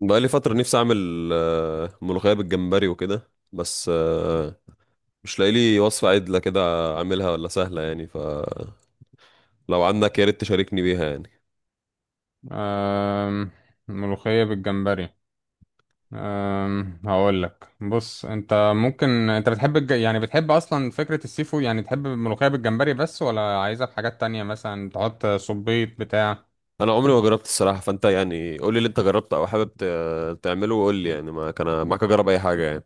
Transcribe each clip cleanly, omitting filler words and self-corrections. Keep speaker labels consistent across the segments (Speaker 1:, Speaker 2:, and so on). Speaker 1: بقالي فترة نفسي أعمل ملوخية بالجمبري وكده بس مش لاقي لي وصفة عدلة كده أعملها، ولا سهلة يعني؟ فلو عندك يا ريت تشاركني بيها يعني.
Speaker 2: أم... ملوخية بالجمبري. هقول لك، بص، انت ممكن بتحب يعني بتحب اصلا فكرة السي فود؟ يعني تحب الملوخية بالجمبري بس، ولا عايزها بحاجات تانية، مثلا تحط صبيط بتاع؟
Speaker 1: أنا عمري ما جربت الصراحة، فأنت يعني قول لي اللي أنت جربته أو حابب تعمله، وقول لي يعني ما كان معاك أجرب أي حاجة يعني.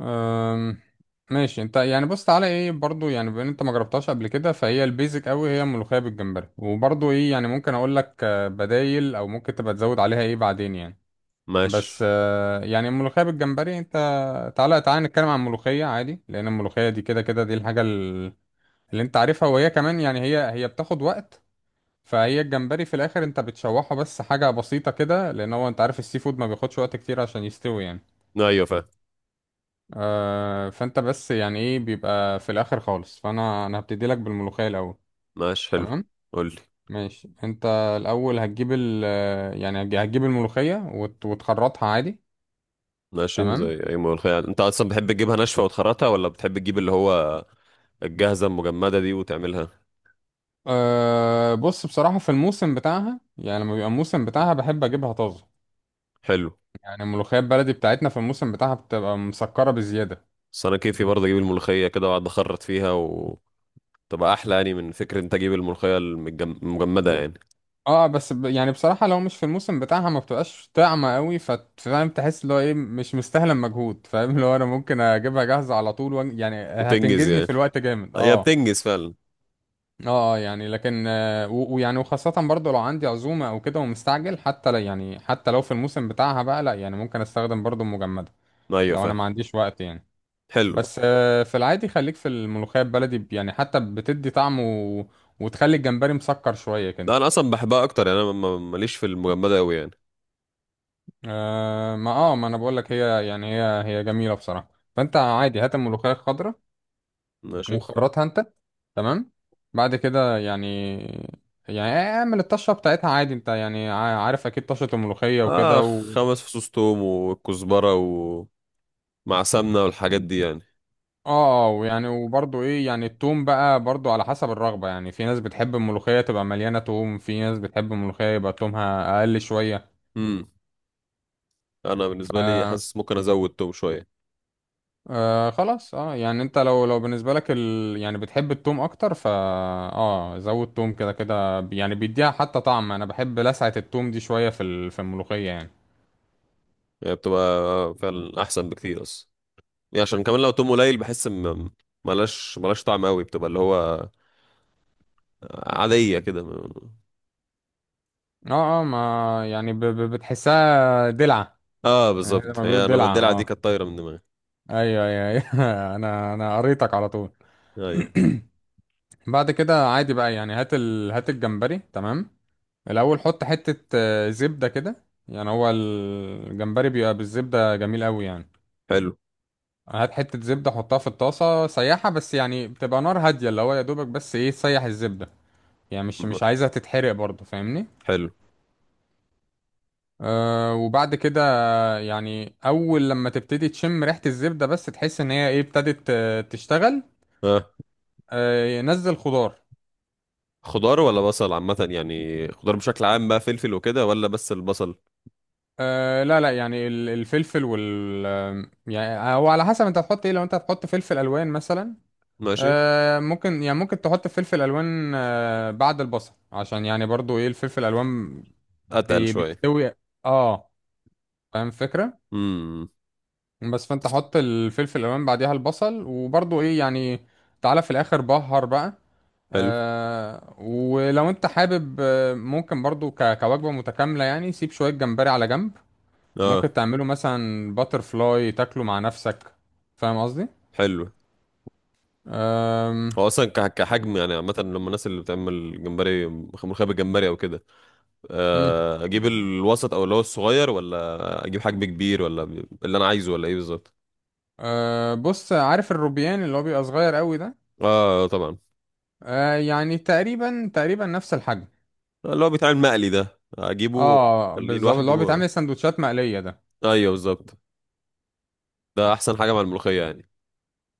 Speaker 2: أم... ماشي. انت يعني بص، تعالى ايه برضو، يعني بما ان انت ما جربتهاش قبل كده فهي البيزك قوي، هي الملوخية بالجمبري. وبرضو ايه يعني ممكن اقول لك بدايل، او ممكن تبقى تزود عليها ايه بعدين يعني. بس
Speaker 1: ماشي.
Speaker 2: يعني الملوخية بالجمبري انت تعالى تعالى نتكلم عن الملوخية عادي، لأن الملوخية دي كده كده دي الحاجة اللي انت عارفها، وهي كمان يعني هي هي بتاخد وقت. فهي الجمبري في الآخر انت بتشوحه بس، حاجة بسيطة كده، لأن هو انت عارف السي فود ما بياخدش وقت كتير عشان يستوي يعني.
Speaker 1: أيوة فاهم.
Speaker 2: آه، فانت بس يعني ايه بيبقى في الآخر خالص. فأنا هبتدي لك بالملوخية الأول.
Speaker 1: ماشي حلو.
Speaker 2: تمام.
Speaker 1: قول لي.
Speaker 2: ماشي. انت الأول هتجيب ال... يعني هتجيب الملوخية وتخرطها عادي.
Speaker 1: ماشي،
Speaker 2: تمام.
Speaker 1: زي أي ملوخية يعني. أنت أصلا بتحب تجيبها ناشفة وتخرطها، ولا بتحب تجيب اللي هو الجاهزة المجمدة دي وتعملها؟
Speaker 2: أه، بص بصراحة في الموسم بتاعها يعني، لما بيبقى الموسم بتاعها بحب أجيبها طازة.
Speaker 1: حلو.
Speaker 2: يعني الملوخية البلدي بتاعتنا في الموسم بتاعها بتبقى مسكرة بزيادة.
Speaker 1: بس انا كيفي برضه اجيب الملوخيه كده واقعد اخرط فيها، وتبقى احلى يعني، من فكره انت تجيب الملوخيه المجمده يعني.
Speaker 2: اه، بس يعني بصراحة لو مش في الموسم بتاعها ما بتبقاش طعمة قوي، فاهم؟ تحس اللي هو ايه مش مستاهلة المجهود، فاهم؟ اللي هو انا ممكن اجيبها جاهزة على طول يعني
Speaker 1: وتنجز
Speaker 2: هتنجزني
Speaker 1: يعني.
Speaker 2: في الوقت جامد.
Speaker 1: هي
Speaker 2: اه.
Speaker 1: بتنجز فعلا.
Speaker 2: اه، يعني لكن ويعني وخاصة برضو لو عندي عزومة او كده ومستعجل، حتى لا يعني حتى لو في الموسم بتاعها بقى لا، يعني ممكن استخدم برضو المجمدة
Speaker 1: ايوه
Speaker 2: لو انا
Speaker 1: فاهم.
Speaker 2: ما عنديش وقت يعني.
Speaker 1: حلو.
Speaker 2: بس في العادي خليك في الملوخية البلدي، يعني حتى بتدي طعم و... وتخلي الجمبري مسكر شوية كده.
Speaker 1: ده انا اصلا بحبها اكتر يعني، انا ماليش في المجمده قوي يعني.
Speaker 2: آه، ما اه ما انا بقول لك، هي يعني هي هي جميلة بصراحة. فانت عادي هات الملوخية الخضراء
Speaker 1: ماشي.
Speaker 2: وخرطها انت. تمام. بعد كده يعني، يعني اعمل الطشة بتاعتها عادي، انت يعني عارف اكيد طشة الملوخية
Speaker 1: اه،
Speaker 2: وكده و...
Speaker 1: 5 فصوص توم والكزبره ومع سمنه والحاجات دي يعني.
Speaker 2: اه، ويعني وبرضه ايه يعني التوم بقى برضه على حسب الرغبة. يعني في ناس بتحب الملوخية تبقى مليانة توم، في ناس بتحب الملوخية يبقى تومها اقل شوية.
Speaker 1: امم انا بالنسبه لي حاسس ممكن ازود توم شويه.
Speaker 2: آه خلاص. اه يعني انت لو بالنسبه لك ال... يعني بتحب التوم اكتر، فا اه زود توم، كده كده يعني بيديها حتى طعم. انا بحب لسعه التوم دي شويه في ال... في الملوخيه يعني.
Speaker 1: يعني بتبقى فعلا احسن بكتير اصلا، يعني عشان كمان لو توم قليل بحس، ملهاش طعم قوي، بتبقى اللي هو عادية كده.
Speaker 2: اه اه، ما يعني بتحسها دلعه،
Speaker 1: اه،
Speaker 2: يعني زي
Speaker 1: بالظبط.
Speaker 2: ما بيقولوا
Speaker 1: هي انا
Speaker 2: دلعه.
Speaker 1: الدلعة دي
Speaker 2: اه.
Speaker 1: كانت طايرة من دماغي.
Speaker 2: ايوه، ايوه، ايوه. انا قريتك على طول.
Speaker 1: ايوه
Speaker 2: بعد كده عادي بقى، يعني هات ال... هات الجمبري. تمام. الاول حط حته زبده كده، يعني هو الجمبري بيبقى بالزبده جميل قوي يعني.
Speaker 1: حلو.
Speaker 2: هات حتة زبدة حطها في الطاسة سيحها بس، يعني بتبقى نار هادية اللي هو يا دوبك بس ايه تسيح الزبدة، يعني مش
Speaker 1: م-
Speaker 2: مش عايزها تتحرق برضه، فاهمني؟
Speaker 1: حلو.
Speaker 2: أه، وبعد كده يعني أول لما تبتدي تشم ريحة الزبدة بس تحس إن هي ايه، ابتدت تشتغل.
Speaker 1: آه.
Speaker 2: أه، نزل خضار.
Speaker 1: خضار ولا بصل عامة؟ يعني خضار بشكل عام بقى فلفل وكده، ولا بس البصل؟
Speaker 2: أه، لا لا، يعني الفلفل وال يعني هو على حسب انت هتحط ايه. لو انت هتحط فلفل ألوان مثلا،
Speaker 1: ماشي.
Speaker 2: آه ممكن يعني ممكن تحط فلفل الوان، آه بعد البصل عشان يعني برضو ايه الفلفل الالوان
Speaker 1: اتقل
Speaker 2: بي
Speaker 1: شوية.
Speaker 2: بيستوي. اه، فاهم الفكره؟
Speaker 1: امم.
Speaker 2: بس فانت حط الفلفل الالوان بعديها البصل، وبرضو ايه يعني تعالى في الاخر بهر بقى.
Speaker 1: حلو.
Speaker 2: آه، ولو انت حابب ممكن برضو كوجبه متكامله يعني سيب شويه جمبري على جنب،
Speaker 1: اه
Speaker 2: ممكن تعمله مثلا باتر فلاي تاكله مع نفسك، فاهم قصدي؟
Speaker 1: حلو.
Speaker 2: آم،
Speaker 1: هو اصلا كحجم يعني، عامة لما الناس اللي بتعمل جمبري ملوخية بالجمبري او كده،
Speaker 2: مم.
Speaker 1: اجيب الوسط او اللي هو الصغير، ولا اجيب حجم كبير، ولا اللي انا عايزه، ولا ايه بالظبط؟
Speaker 2: أه، بص، عارف الروبيان اللي هو بيبقى صغير قوي ده؟
Speaker 1: اه طبعا.
Speaker 2: أه، يعني تقريبا تقريبا نفس الحجم.
Speaker 1: اللي هو بيتعمل مقلي ده اجيبه؟
Speaker 2: اه
Speaker 1: خليه
Speaker 2: بالظبط، اللي هو
Speaker 1: لوحده.
Speaker 2: بيتعمل سندوتشات مقلية ده.
Speaker 1: ايوه بالظبط. ده احسن حاجه مع الملوخيه يعني.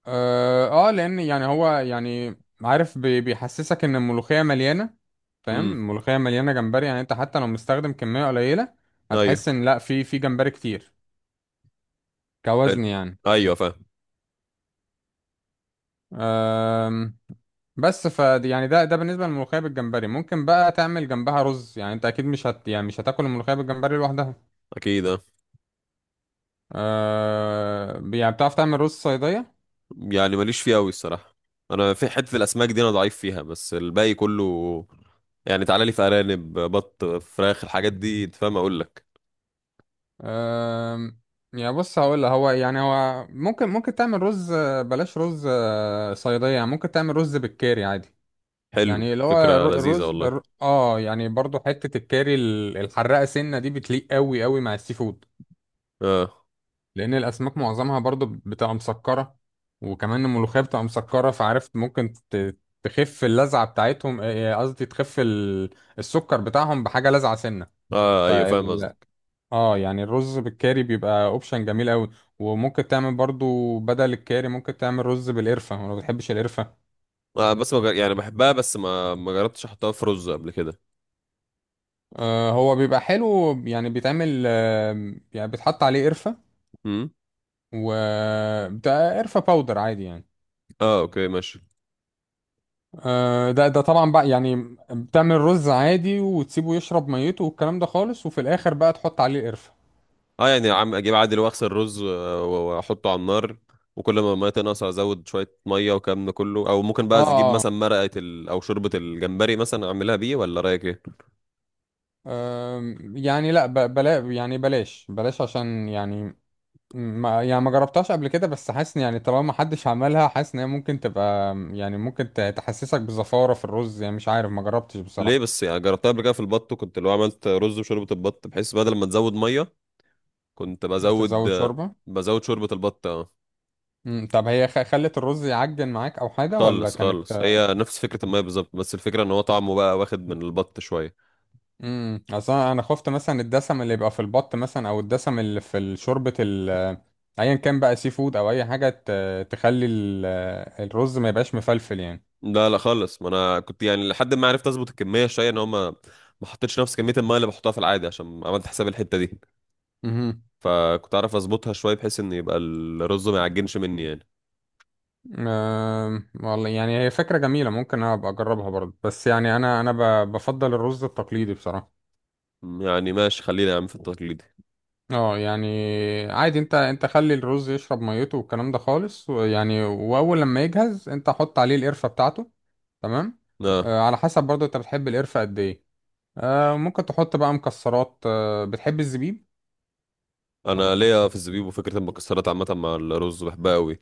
Speaker 2: اه، لان يعني هو يعني عارف بيحسسك ان الملوخية مليانة، فاهم؟
Speaker 1: امم.
Speaker 2: الملوخية مليانة جمبري. يعني انت حتى لو مستخدم كمية قليلة
Speaker 1: ايوه
Speaker 2: هتحس ان لا، في جمبري كتير
Speaker 1: حلو.
Speaker 2: كوزن يعني.
Speaker 1: ايوه فاهم.
Speaker 2: أم، بس ف يعني ده بالنسبة للملوخية بالجمبري. ممكن بقى تعمل جنبها رز، يعني انت اكيد مش هت يعني مش هتاكل الملوخية بالجمبري لوحدها.
Speaker 1: اكيد اه.
Speaker 2: آه يعني بتعرف تعمل رز صيدية؟
Speaker 1: يعني ماليش فيه قوي الصراحه، انا في حته الاسماك دي انا ضعيف فيها، بس الباقي كله يعني، تعالى لي في ارانب بط فراخ الحاجات دي، انت فاهم اقول لك.
Speaker 2: آه، يعني بص هقول لك، هو يعني هو ممكن تعمل رز بلاش رز صيدية، يعني ممكن تعمل رز بالكاري عادي.
Speaker 1: حلو
Speaker 2: يعني اللي هو
Speaker 1: فكره لذيذه
Speaker 2: الرز
Speaker 1: والله.
Speaker 2: اه يعني برضو حتة الكاري الحراقة سنة دي بتليق قوي قوي مع السي فود،
Speaker 1: اه.
Speaker 2: لأن الأسماك معظمها برضو بتبقى مسكرة، وكمان الملوخية بتبقى مسكرة. فعرفت ممكن تخف اللذعة بتاعتهم، قصدي تخف السكر بتاعهم بحاجة لذعة سنة.
Speaker 1: اه. ايوه فاهم قصدك.
Speaker 2: اه، يعني الرز بالكاري بيبقى اوبشن جميل قوي. وممكن تعمل برضو بدل الكاري ممكن تعمل رز بالقرفة، وانا ما بتحبش القرفة.
Speaker 1: آه بس ما جر... يعني بحبها، بس ما جربتش احطها في رز قبل كده.
Speaker 2: آه، هو بيبقى حلو، يعني بيتعمل آه يعني بيتحط عليه قرفة
Speaker 1: امم.
Speaker 2: و... ده قرفة باودر عادي يعني.
Speaker 1: اه، اوكي ماشي.
Speaker 2: آه، ده ده طبعا بقى يعني بتعمل رز عادي وتسيبه يشرب ميته والكلام ده خالص، وفي الاخر بقى تحط عليه قرفة.
Speaker 1: اه يعني عم اجيب عادل واغسل رز واحطه على النار، وكل ما الميه تنقص ازود شويه ميه والكلام ده كله، او ممكن بقى اجيب
Speaker 2: اه،
Speaker 1: مثلا مرقه او شوربه الجمبري مثلا اعملها بيه، ولا رايك ايه؟
Speaker 2: آم، يعني لا، بلا يعني بلاش بلاش عشان يعني ما يعني ما جربتهاش قبل كده، بس حاسس إن يعني طالما ما حدش عملها، حاسس ان هي ممكن تبقى يعني ممكن تحسسك بزفارة في الرز، يعني مش عارف ما جربتش
Speaker 1: ليه
Speaker 2: بصراحة.
Speaker 1: بس يعني؟ جربتها قبل كده في البط، وكنت لو عملت رز وشوربه البط، بحيث بدل ما تزود ميه كنت بزود،
Speaker 2: تزود شوربة.
Speaker 1: بزود شوربه البط اه.
Speaker 2: مم. طب هي خلت الرز يعجن معاك او حاجة ولا
Speaker 1: خالص
Speaker 2: كانت...
Speaker 1: خالص، هي نفس فكره الميه بالظبط، بس الفكره ان هو طعمه بقى واخد من البط شويه.
Speaker 2: امم، اصلا انا خفت مثلا الدسم اللي يبقى في البط مثلا، او الدسم اللي في شوربة ال... ايا كان بقى سي فود او اي حاجة ت... تخلي ال... الرز ما يبقاش مفلفل يعني.
Speaker 1: لا لا خالص، ما انا كنت يعني لحد ما عرفت اظبط الكميه شويه، ان هو ما حطيتش نفس كميه الميه اللي بحطها في العادي، عشان عملت حساب الحته دي،
Speaker 2: مهم.
Speaker 1: فكنت اعرف اظبطها شويه بحيث ان يبقى الرز ما يعجنش مني يعني.
Speaker 2: أم، والله يعني هي فكرة جميلة، ممكن أنا أبقى أجربها برضه. بس يعني أنا بفضل الرز التقليدي بصراحة.
Speaker 1: يعني ماشي، خلينا يا عم في التقليدي.
Speaker 2: اه، يعني عادي، انت خلي الرز يشرب ميته والكلام ده خالص، ويعني واول لما يجهز انت حط عليه القرفة بتاعته. تمام.
Speaker 1: اه.
Speaker 2: آه، على حسب برضه انت بتحب القرفة قد ايه. آه، ممكن تحط بقى مكسرات، آه بتحب الزبيب؟
Speaker 1: انا ليا في الزبيب، وفكره المكسرات عامه مع الرز بحبها قوي.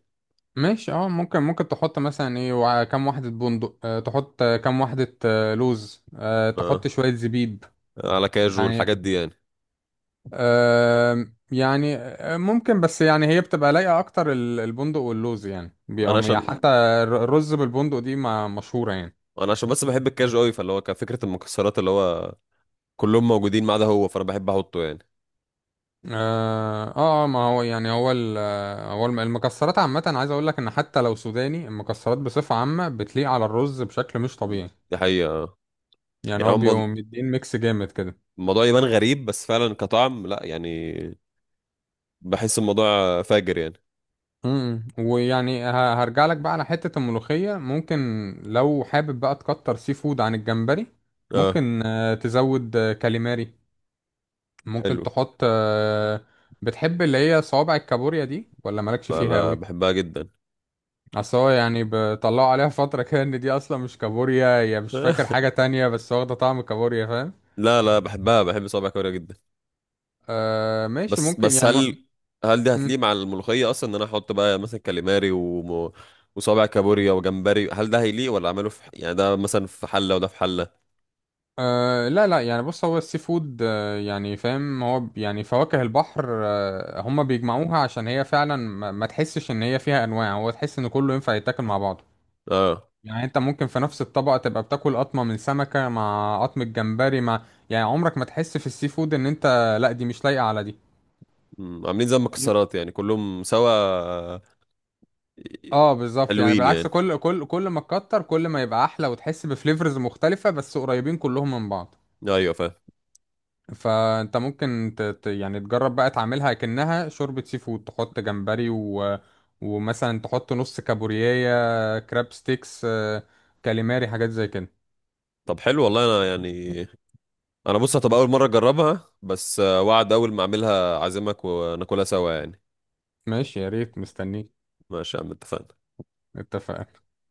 Speaker 2: ماشي. اه، ممكن تحط مثلا ايه، كام واحدة بندق، آه تحط كام واحدة آه لوز، آه
Speaker 1: اه،
Speaker 2: تحط شوية زبيب.
Speaker 1: على كاجو
Speaker 2: يعني
Speaker 1: الحاجات دي يعني.
Speaker 2: آم، يعني ممكن. بس يعني هي بتبقى لايقة أكتر البندق واللوز، يعني
Speaker 1: انا
Speaker 2: بيقوم يعني حتى
Speaker 1: عشان
Speaker 2: الرز بالبندق دي ما مشهورة يعني.
Speaker 1: انا عشان بس بحب الكاجو قوي، فاللي هو كفكره المكسرات اللي هو كلهم موجودين ما عدا هو، فانا بحب احطه يعني.
Speaker 2: ما هو يعني هو هو المكسرات عامة، عايز أقول لك إن حتى لو سوداني، المكسرات بصفة عامة بتليق على الرز بشكل مش طبيعي.
Speaker 1: دي حقيقه.
Speaker 2: يعني
Speaker 1: يعني
Speaker 2: هو بيقوم مدين ميكس جامد كده.
Speaker 1: الموضوع يبان غريب، بس فعلا كطعم لا يعني، بحس الموضوع فاجر يعني.
Speaker 2: امم، ويعني هرجع لك بقى على حتة الملوخية. ممكن لو حابب بقى تكتر سي فود عن الجمبري،
Speaker 1: اه
Speaker 2: ممكن تزود كاليماري، ممكن
Speaker 1: حلو.
Speaker 2: تحط بتحب اللي هي صوابع الكابوريا دي ولا مالكش
Speaker 1: لا
Speaker 2: فيها
Speaker 1: لا
Speaker 2: قوي؟
Speaker 1: بحبها جدا.
Speaker 2: اصل هو يعني بيطلعوا عليها فترة كده ان دي اصلا مش كابوريا، هي مش فاكر حاجة تانية بس واخدة طعم الكابوريا، فاهم؟
Speaker 1: لا لا بحبها، بحب صوابع كوريا جدا.
Speaker 2: آه ماشي،
Speaker 1: بس
Speaker 2: ممكن
Speaker 1: بس
Speaker 2: يعني م...
Speaker 1: هل دي
Speaker 2: م-
Speaker 1: هتليق مع الملوخية اصلا؟ ان انا احط بقى مثلا كاليماري وصابع كابوريا وجمبري، هل ده هيليق؟ ولا اعمله في يعني ده مثلا في حلة وده في حلة؟
Speaker 2: لا لا، يعني بص هو السي فود آه يعني فاهم، هو يعني فواكه البحر آه هما بيجمعوها عشان هي فعلا ما تحسش ان هي فيها انواع، هو تحس ان كله ينفع يتاكل مع بعض.
Speaker 1: اه.
Speaker 2: يعني انت ممكن في نفس الطبق تبقى بتاكل قطمة من سمكة مع قطمة جمبري، مع يعني عمرك ما تحس في السي فود ان انت لا دي مش لايقة على دي.
Speaker 1: عاملين زي
Speaker 2: يب.
Speaker 1: المكسرات يعني، كلهم سوا.
Speaker 2: اه بالظبط. يعني
Speaker 1: حلوين
Speaker 2: بالعكس
Speaker 1: يعني.
Speaker 2: كل ما تكتر كل ما يبقى احلى، وتحس بفليفرز مختلفة بس قريبين كلهم من بعض.
Speaker 1: ايوه فاهم.
Speaker 2: فانت ممكن ت... ت- يعني تجرب بقى تعملها كأنها شوربة سي فود، تحط جمبري و... ومثلا تحط نص كابوريايا كراب ستيكس، كاليماري، حاجات زي كده.
Speaker 1: طب حلو والله. انا يعني انا بص، هتبقى اول مره اجربها، بس وعد، اول ما اعملها اعزمك وناكلها سوا يعني.
Speaker 2: ماشي يا ريت مستنيك.
Speaker 1: ماشي يا عم، اتفقنا.
Speaker 2: اتفقنا.